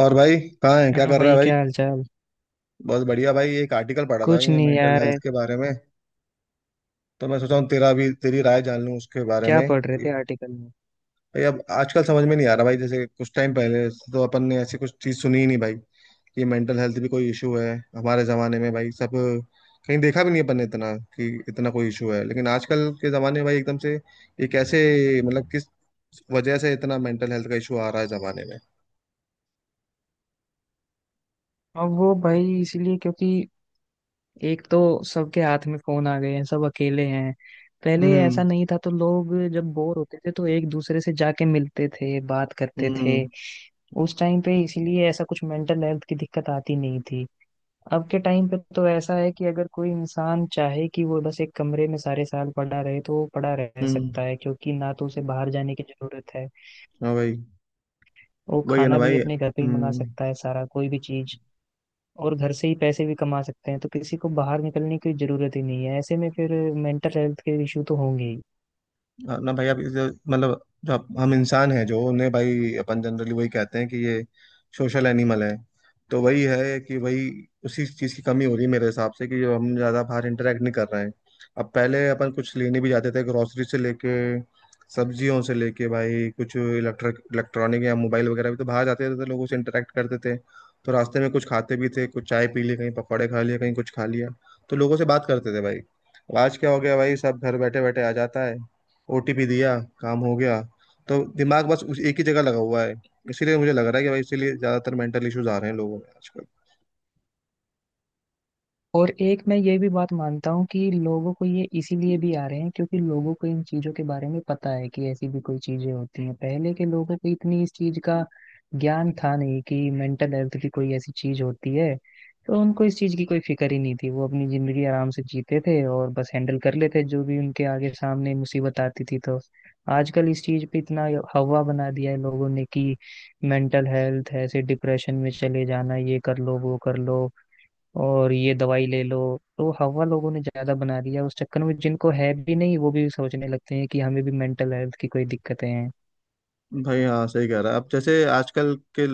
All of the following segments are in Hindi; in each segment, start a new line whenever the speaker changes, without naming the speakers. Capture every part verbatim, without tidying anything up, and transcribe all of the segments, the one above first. और भाई, कहाँ है, क्या
हेलो
कर रहा है
भाई,
भाई?
क्या हाल चाल।
बहुत बढ़िया भाई। एक आर्टिकल पढ़ा था भाई
कुछ
मैं
नहीं
मेंटल
यार है।
हेल्थ के बारे में। तो मैं सोचा हूँ तेरा भी तेरी राय जान लूँ उसके बारे
क्या
में
पढ़ रहे
कि
थे आर्टिकल में।
भाई, अब आजकल समझ में नहीं आ रहा भाई। जैसे कुछ टाइम पहले तो अपन ने ऐसी कुछ चीज़ सुनी ही नहीं भाई कि मेंटल हेल्थ भी कोई इशू है हमारे ज़माने में भाई। सब कहीं देखा भी नहीं अपन ने इतना कि इतना कोई इशू है, लेकिन आजकल के ज़माने में भाई एकदम से ये कैसे, मतलब किस वजह से इतना मेंटल हेल्थ का इशू आ रहा है ज़माने में।
अब वो भाई इसलिए क्योंकि एक तो सबके हाथ में फोन आ गए हैं, सब अकेले हैं। पहले
हम्म
ऐसा नहीं था तो लोग जब बोर होते थे तो एक दूसरे से जाके मिलते थे, बात करते थे।
हम्म
उस टाइम पे इसीलिए ऐसा कुछ मेंटल हेल्थ की दिक्कत आती नहीं थी। अब के टाइम पे तो ऐसा है कि अगर कोई इंसान चाहे कि वो बस एक कमरे में सारे साल पड़ा रहे तो वो पड़ा रह
हम्म
सकता है, क्योंकि ना तो उसे बाहर जाने की जरूरत है।
हाँ भाई।
वो
वही है ना
खाना भी
भाई।
अपने घर पे ही मंगा
हम्म,
सकता है सारा कोई भी चीज। और घर से ही पैसे भी कमा सकते हैं, तो किसी को बाहर निकलने की जरूरत ही नहीं है। ऐसे में फिर मेंटल हेल्थ के इशू तो होंगे ही।
हाँ ना भाई। आप इसे- मतलब जो आप- हम इंसान हैं, जो उन्हें भाई अपन जनरली वही कहते हैं कि ये सोशल एनिमल है। तो वही है कि वही उसी चीज़ की कमी हो रही है मेरे हिसाब से, कि जो हम ज़्यादा बाहर इंटरेक्ट नहीं कर रहे हैं। अब पहले अपन कुछ लेने भी जाते थे, ग्रोसरी से लेके सब्जियों से लेके भाई, कुछ इलेक्ट्रिक इलेक्ट्रॉनिक या मोबाइल वगैरह भी तो बाहर जाते थे, लोगों से इंटरेक्ट करते थे। तो रास्ते में कुछ खाते भी थे, कुछ चाय पी ली कहीं, पकौड़े खा लिए कहीं, कुछ खा लिया, तो लोगों से बात करते थे भाई। अब आज क्या हो गया भाई, सब घर बैठे बैठे आ जाता है। ओटीपी दिया, काम हो गया। तो दिमाग बस उस एक ही जगह लगा हुआ है। इसीलिए मुझे लग रहा है कि भाई, इसीलिए ज्यादातर मेंटल इश्यूज आ रहे हैं लोगों में आजकल।
और एक मैं ये भी बात मानता हूँ कि लोगों को ये इसीलिए भी आ रहे हैं क्योंकि लोगों को इन चीजों के बारे में पता है कि ऐसी भी कोई चीजें होती हैं। पहले के लोगों को इतनी इस चीज का ज्ञान था नहीं कि मेंटल हेल्थ की कोई ऐसी चीज होती है। तो उनको इस चीज की कोई फिक्र ही नहीं थी, वो अपनी जिंदगी आराम से जीते थे और बस हैंडल कर लेते जो भी उनके आगे सामने मुसीबत आती थी। तो आजकल इस चीज पे इतना हवा बना दिया है लोगों ने कि मेंटल हेल्थ, ऐसे डिप्रेशन में चले जाना, ये कर लो वो कर लो और ये दवाई ले लो। तो हवा लोगों ने ज्यादा बना दिया उस चक्कर में, जिनको है भी नहीं वो भी सोचने लगते हैं कि हमें भी मेंटल हेल्थ की कोई दिक्कतें हैं।
भाई हाँ, सही कह रहा है। अब जैसे आजकल के,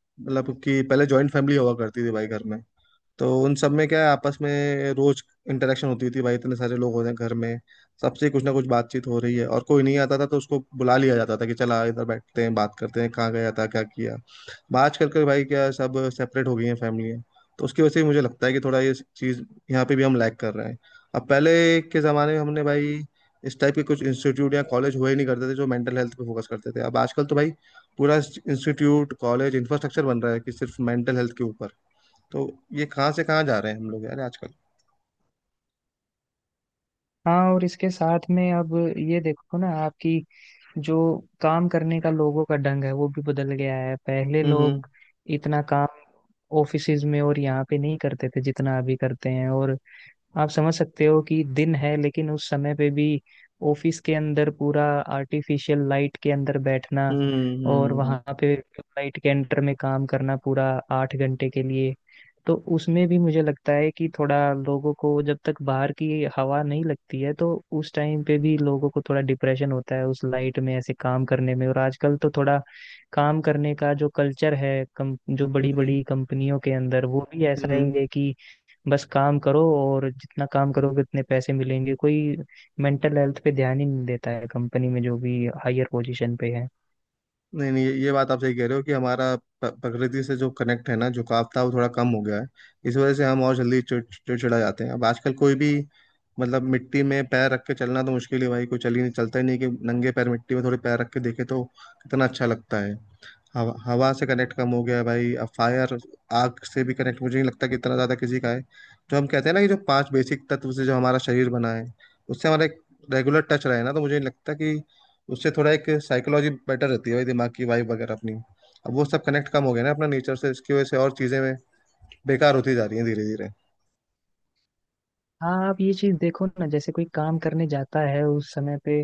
मतलब कि पहले जॉइंट फैमिली हुआ करती थी भाई घर में, तो उन सब में क्या है, आपस में रोज इंटरेक्शन होती थी भाई। इतने सारे लोग हो रहे हैं घर में, सबसे कुछ ना कुछ बातचीत हो रही है। और कोई नहीं आता था तो उसको बुला लिया जाता था कि चला इधर बैठते हैं, बात करते हैं, कहाँ गया था, क्या किया। आजकल के भाई क्या है, सब सेपरेट हो गई हैं फैमिलियाँ। तो उसकी वजह से मुझे लगता है कि थोड़ा ये चीज़ यहाँ पे भी हम लैग कर रहे हैं। अब पहले के ज़माने में हमने भाई इस टाइप के कुछ इंस्टीट्यूट या कॉलेज हुए ही नहीं करते थे जो मेंटल हेल्थ पे फोकस करते थे। अब आजकल तो भाई पूरा इंस्टीट्यूट कॉलेज इंफ्रास्ट्रक्चर बन रहा है कि सिर्फ मेंटल हेल्थ के ऊपर। तो ये कहाँ से कहाँ जा रहे हैं हम लोग यार आजकल।
हाँ, और इसके साथ में अब ये देखो ना आपकी जो काम करने का लोगों का ढंग है वो भी बदल गया है। पहले
हम्म
लोग इतना काम ऑफिसेज में और यहाँ पे नहीं करते थे जितना अभी करते हैं। और आप समझ सकते हो कि दिन है, लेकिन उस समय पे भी ऑफिस के अंदर पूरा आर्टिफिशियल लाइट के अंदर बैठना
हम्म
और
हम्म
वहां पे लाइट के अंडर में काम करना, पूरा आठ घंटे के लिए। तो उसमें भी मुझे लगता है कि थोड़ा लोगों को जब तक बाहर की हवा नहीं लगती है तो उस टाइम पे भी लोगों को थोड़ा डिप्रेशन होता है उस लाइट में ऐसे काम करने में। और आजकल तो थोड़ा काम करने का जो कल्चर है कम, जो बड़ी
हम्म
बड़ी कंपनियों के अंदर, वो भी ऐसा ही
हम्म
है कि बस काम करो और जितना काम करोगे उतने पैसे मिलेंगे। कोई मेंटल हेल्थ पे ध्यान ही नहीं देता है कंपनी में जो भी हायर पोजीशन पे है।
नहीं नहीं, ये ये बात आप सही कह रहे हो कि हमारा प- प्रकृति से जो कनेक्ट है ना, झुकाव था, वो थोड़ा कम हो गया है। इस वजह से हम और जल्दी चिड़- चिड़चिड़ा जाते हैं। अब आजकल कोई भी, मतलब मिट्टी में पैर रख के चलना तो मुश्किल है भाई, कोई चल ही नहीं चलता ही नहीं कि नंगे पैर मिट्टी में थोड़े पैर रख के देखे तो कितना अच्छा लगता है। हवा हवा से कनेक्ट कम हो गया है भाई। अब फायर, आग से भी कनेक्ट मुझे नहीं लगता कि इतना ज्यादा किसी का है। जो हम कहते हैं ना कि जो पांच बेसिक तत्व से जो हमारा शरीर बना है, उससे हमारा एक रेगुलर टच रहे ना, तो मुझे नहीं लगता कि, उससे थोड़ा एक साइकोलॉजी बेटर रहती है भाई, दिमाग की वाइब वगैरह अपनी। अब वो सब कनेक्ट कम हो गया ना अपना नेचर से, इसकी वजह से और चीजें में बेकार होती जा रही हैं धीरे धीरे।
हाँ, आप ये चीज देखो ना जैसे कोई काम करने जाता है उस समय पे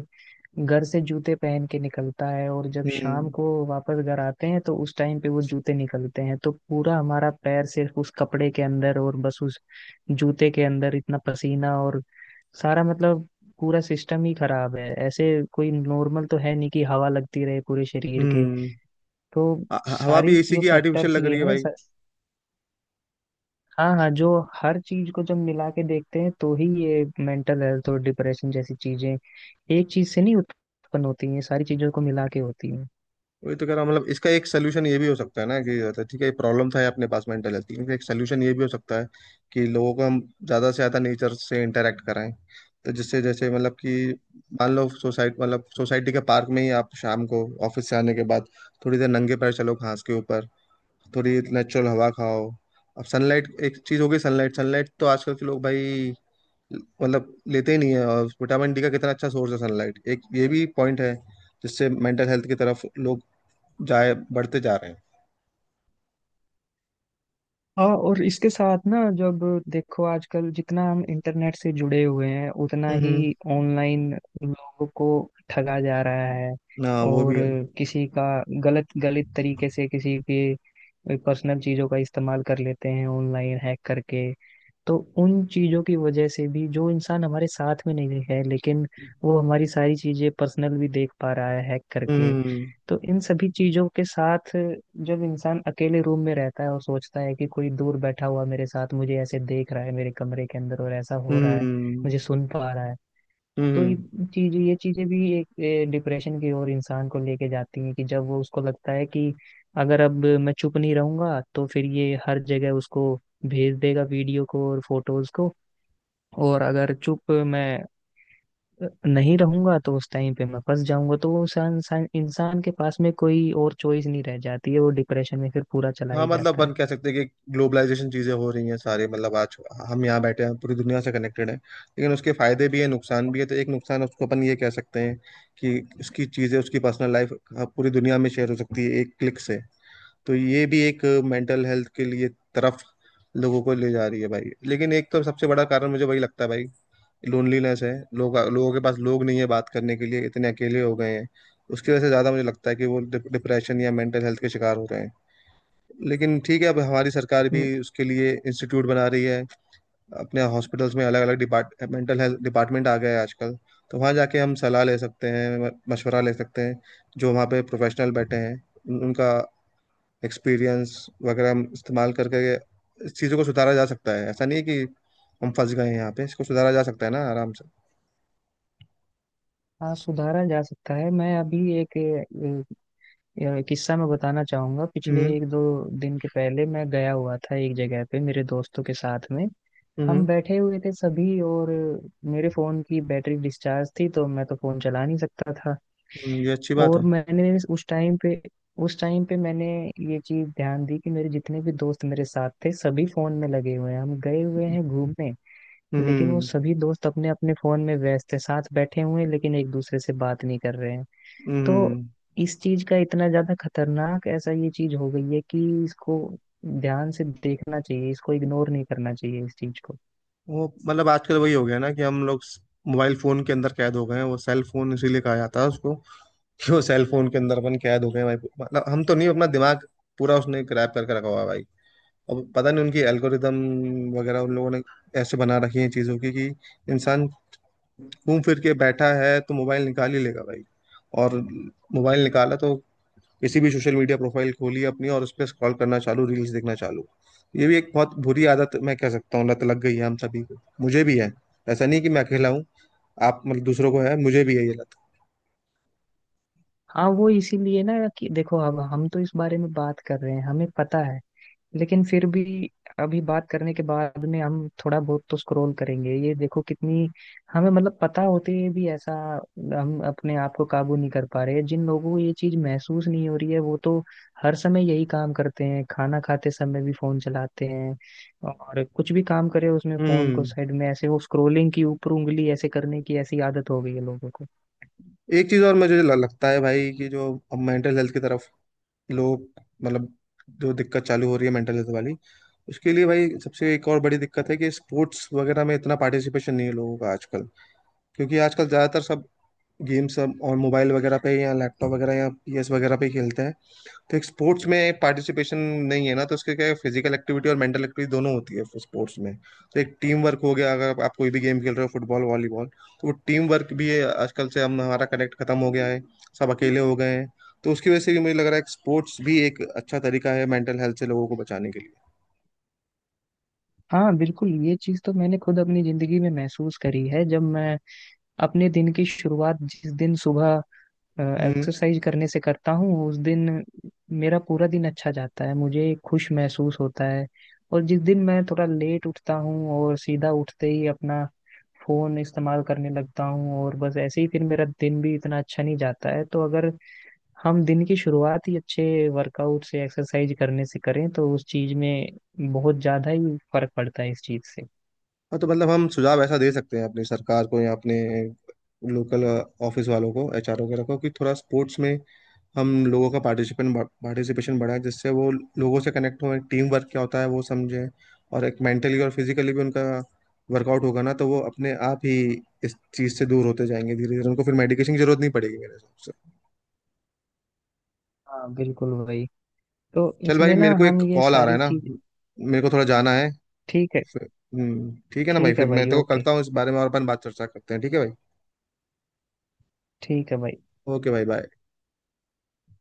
घर से जूते पहन के निकलता है, और जब शाम
हम्म
को वापस घर आते हैं तो उस टाइम पे वो जूते निकलते हैं। तो पूरा हमारा पैर सिर्फ उस कपड़े के अंदर और बस उस जूते के अंदर, इतना पसीना और सारा, मतलब पूरा सिस्टम ही खराब है ऐसे। कोई नॉर्मल तो है नहीं कि हवा लगती रहे पूरे शरीर के।
हम्म
तो
ह- हवा
सारी
भी एसी
जो
की आर्टिफिशियल
फैक्टर्स
लग
ये
रही है
हैं
भाई।
स- हाँ हाँ, जो हर चीज को जब मिला के देखते हैं तो ही ये मेंटल हेल्थ और डिप्रेशन जैसी चीजें एक चीज से नहीं उत्पन्न होती हैं, ये सारी चीजों को मिला के होती हैं।
वही तो कह रहा हूँ, मतलब इसका एक सोल्यूशन ये भी हो सकता है ना कि, मतलब ठीक है, ये प्रॉब्लम था ये अपने पास मेंटल हेल्थ की, लेकिन एक सोल्यूशन ये भी हो सकता है कि लोगों को हम ज्यादा से ज्यादा नेचर से इंटरेक्ट कराएं। तो जिससे, जैसे मतलब कि मान लो सोसाइटी, मतलब सोसाइटी के पार्क में ही आप शाम को ऑफिस से आने के बाद थोड़ी देर नंगे पैर चलो घास के ऊपर, थोड़ी नेचुरल हवा खाओ। अब सनलाइट एक चीज हो गई। सनलाइट सनलाइट तो आजकल के लोग भाई, मतलब लेते ही नहीं है। और विटामिन डी का कितना अच्छा सोर्स है सनलाइट, एक ये भी पॉइंट है जिससे मेंटल हेल्थ की तरफ लोग जाए बढ़ते जा रहे हैं।
हाँ, और इसके साथ ना जब देखो आजकल जितना हम इंटरनेट से जुड़े हुए हैं उतना ही
हम्म
ऑनलाइन लोगों को ठगा जा रहा है।
ना, वो भी
और
है।
किसी का गलत गलत तरीके से किसी के पर्सनल चीजों का इस्तेमाल कर लेते हैं ऑनलाइन हैक करके। तो उन चीजों की वजह से भी जो इंसान हमारे साथ में नहीं है, लेकिन वो हमारी सारी चीजें पर्सनल भी देख पा रहा है हैक करके।
हम्म
तो इन सभी चीजों के साथ जब इंसान अकेले रूम में रहता है और सोचता है कि कोई दूर बैठा हुआ मेरे साथ मुझे ऐसे देख रहा है मेरे कमरे के अंदर और ऐसा हो रहा है,
हम्म
मुझे सुन पा रहा है, तो
हम्म
ये चीज ये चीजें भी एक डिप्रेशन की ओर इंसान को लेके जाती हैं। कि जब वो, उसको लगता है कि अगर अब मैं चुप नहीं रहूंगा तो फिर ये हर जगह उसको भेज देगा वीडियो को और फोटोज को, और अगर चुप मैं नहीं रहूंगा तो उस टाइम पे मैं फंस जाऊंगा, तो वो इंसान इंसान इंसान के पास में कोई और चॉइस नहीं रह जाती है, वो डिप्रेशन में फिर पूरा चला
हाँ,
ही
मतलब
जाता है।
अपन कह सकते हैं कि ग्लोबलाइजेशन चीजें हो रही हैं सारे, मतलब आज हम यहाँ बैठे हैं पूरी दुनिया से कनेक्टेड है, लेकिन उसके फायदे भी है, नुकसान भी है। तो एक नुकसान उसको अपन ये कह सकते हैं कि उसकी चीजें, उसकी पर्सनल लाइफ पूरी दुनिया में शेयर हो सकती है एक क्लिक से। तो ये भी एक मेंटल हेल्थ के लिए तरफ लोगों को ले जा रही है भाई। लेकिन एक तो सबसे बड़ा कारण मुझे वही लगता है भाई, लोनलीनेस है। लोग, लोगों के पास लोग नहीं है बात करने के लिए, इतने अकेले हो गए हैं। उसकी वजह से ज़्यादा मुझे लगता है कि वो डिप्रेशन या मेंटल हेल्थ के शिकार हो रहे हैं। लेकिन ठीक है, अब हमारी सरकार भी
हम्म।
उसके लिए इंस्टीट्यूट बना रही है। अपने हॉस्पिटल्स में अलग अलग डिपार्ट, मेंटल हेल्थ डिपार्टमेंट आ गया है आजकल। तो वहाँ जाके हम सलाह ले सकते हैं, म- मशवरा ले सकते हैं। जो वहाँ पे प्रोफेशनल बैठे हैं, उन- उनका एक्सपीरियंस वगैरह हम इस्तेमाल करके इस चीज़ों को सुधारा जा सकता है। ऐसा नहीं है कि हम फंस गए हैं यहाँ पे, इसको सुधारा जा सकता है ना आराम से।
हाँ, सुधारा जा सकता है। मैं अभी एक यार किस्सा मैं बताना चाहूंगा। पिछले
हम्म
एक दो दिन के पहले मैं गया हुआ था एक जगह पे मेरे दोस्तों के साथ में। हम
हम्म
बैठे हुए थे सभी, और मेरे फोन की बैटरी डिस्चार्ज थी, तो मैं तो फोन चला नहीं सकता था।
हम्म, ये अच्छी बात
और
है।
मैंने उस टाइम पे उस टाइम पे मैंने ये चीज ध्यान दी कि मेरे जितने भी दोस्त मेरे साथ थे सभी फोन में लगे हुए हैं। हम गए हुए हैं घूमने, लेकिन वो
हम्म
सभी दोस्त अपने अपने फोन में व्यस्त थे, साथ बैठे हुए हैं लेकिन एक दूसरे से बात नहीं कर रहे हैं। तो
हम्म
इस चीज का इतना ज्यादा खतरनाक ऐसा ये चीज हो गई है कि इसको ध्यान से देखना चाहिए, इसको इग्नोर नहीं करना चाहिए इस चीज को।
वो, मतलब आजकल वही हो गया ना कि हम लोग मोबाइल फोन के अंदर कैद हो गए हैं। वो सेल फोन इसीलिए कहा जाता है उसको कि वो सेल फोन के अंदर अपन कैद हो गए हैं भाई। मतलब हम तो नहीं, अपना दिमाग पूरा उसने ग्रैब करके रखा हुआ है भाई। अब पता नहीं उनकी एल्गोरिदम वगैरह उन लोगों ने ऐसे बना रखी है चीज़ों की कि इंसान घूम फिर के बैठा है तो मोबाइल निकाल ही लेगा भाई। और मोबाइल निकाला तो किसी भी सोशल मीडिया प्रोफाइल खोली अपनी और उस पर स्क्रॉल करना चालू, रील्स देखना चालू। ये भी एक बहुत बुरी आदत, मैं कह सकता हूँ लत लग गई है हम सभी को। मुझे भी है, ऐसा नहीं कि मैं अकेला हूँ, आप, मतलब दूसरों को है, मुझे भी है ये लत।
हाँ, वो इसीलिए ना कि देखो अब हम तो इस बारे में बात कर रहे हैं, हमें पता है, लेकिन फिर भी अभी बात करने के बाद में हम थोड़ा बहुत तो स्क्रॉल करेंगे। ये देखो कितनी, हमें मतलब पता होते हुए भी ऐसा हम अपने आप को काबू नहीं कर पा रहे हैं। जिन लोगों को ये चीज महसूस नहीं हो रही है वो तो हर समय यही काम करते हैं, खाना खाते समय भी फोन चलाते हैं, और कुछ भी काम करे उसमें फोन को
हम्म
साइड में ऐसे, वो स्क्रोलिंग की ऊपर उंगली ऐसे करने की ऐसी आदत हो गई है लोगों को।
एक चीज और मुझे ल- लगता है भाई कि जो अब मेंटल हेल्थ की तरफ लोग, मतलब जो दिक्कत चालू हो रही है मेंटल हेल्थ वाली, उसके लिए भाई सबसे एक और बड़ी दिक्कत है कि स्पोर्ट्स वगैरह में इतना पार्टिसिपेशन नहीं है लोगों का आजकल। क्योंकि आजकल ज्यादातर सब गेम्स सब और मोबाइल वगैरह पे या लैपटॉप वगैरह या पीएस वगैरह पे खेलते हैं। तो एक स्पोर्ट्स में पार्टिसिपेशन नहीं है ना, तो उसके क्या, फिजिकल एक्टिविटी और मेंटल एक्टिविटी दोनों होती है स्पोर्ट्स में। तो एक टीम वर्क हो गया अगर आप कोई भी गेम खेल रहे हो, फुटबॉल, वॉलीबॉल, तो वो टीम वर्क भी है। आजकल से हम, हमारा कनेक्ट खत्म हो गया है, सब अकेले हो गए हैं। तो उसकी वजह से भी मुझे लग रहा है कि स्पोर्ट्स भी एक अच्छा तरीका है मेंटल हेल्थ से लोगों को बचाने के लिए।
हाँ बिल्कुल, ये चीज तो मैंने खुद अपनी जिंदगी में महसूस करी है। जब मैं अपने दिन की शुरुआत जिस दिन सुबह
हम्म
एक्सरसाइज करने से करता हूँ, उस दिन मेरा पूरा दिन अच्छा जाता है, मुझे खुश महसूस होता है। और जिस दिन मैं थोड़ा लेट उठता हूँ और सीधा उठते ही अपना फोन इस्तेमाल करने लगता हूँ और बस ऐसे ही, फिर मेरा दिन भी इतना अच्छा नहीं जाता है। तो अगर हम दिन की शुरुआत ही अच्छे वर्कआउट से, एक्सरसाइज करने से करें तो उस चीज में बहुत ज्यादा ही फर्क पड़ता है इस चीज से।
हाँ, तो मतलब हम सुझाव ऐसा दे सकते हैं अपनी सरकार को या अपने लोकल ऑफिस वालों को, एचआर वगैरह को, कि थोड़ा स्पोर्ट्स में हम लोगों का पार्टिसिपेशन पार्टिसिपेशन बढ़ाए, जिससे वो लोगों से कनेक्ट हो, टीम वर्क क्या होता है वो समझे। और एक मेंटली और फिजिकली भी उनका वर्कआउट होगा ना, तो वो अपने आप ही इस चीज से दूर होते जाएंगे धीरे धीरे। उनको फिर मेडिकेशन की जरूरत नहीं पड़ेगी मेरे हिसाब से।
हाँ बिल्कुल भाई। तो
चल भाई,
इसमें ना
मेरे को
हम
एक
ये
कॉल आ रहा है
सारी
ना,
चीज।
मेरे को थोड़ा जाना है।
ठीक है।
फिर- हम्म, ठीक है ना भाई,
ठीक है
फिर मैं
भाई,
तेरे को
ओके।
करता हूँ इस बारे में और अपन बात चर्चा करते हैं, ठीक है भाई।
ठीक है भाई।
ओके भाई, बाय।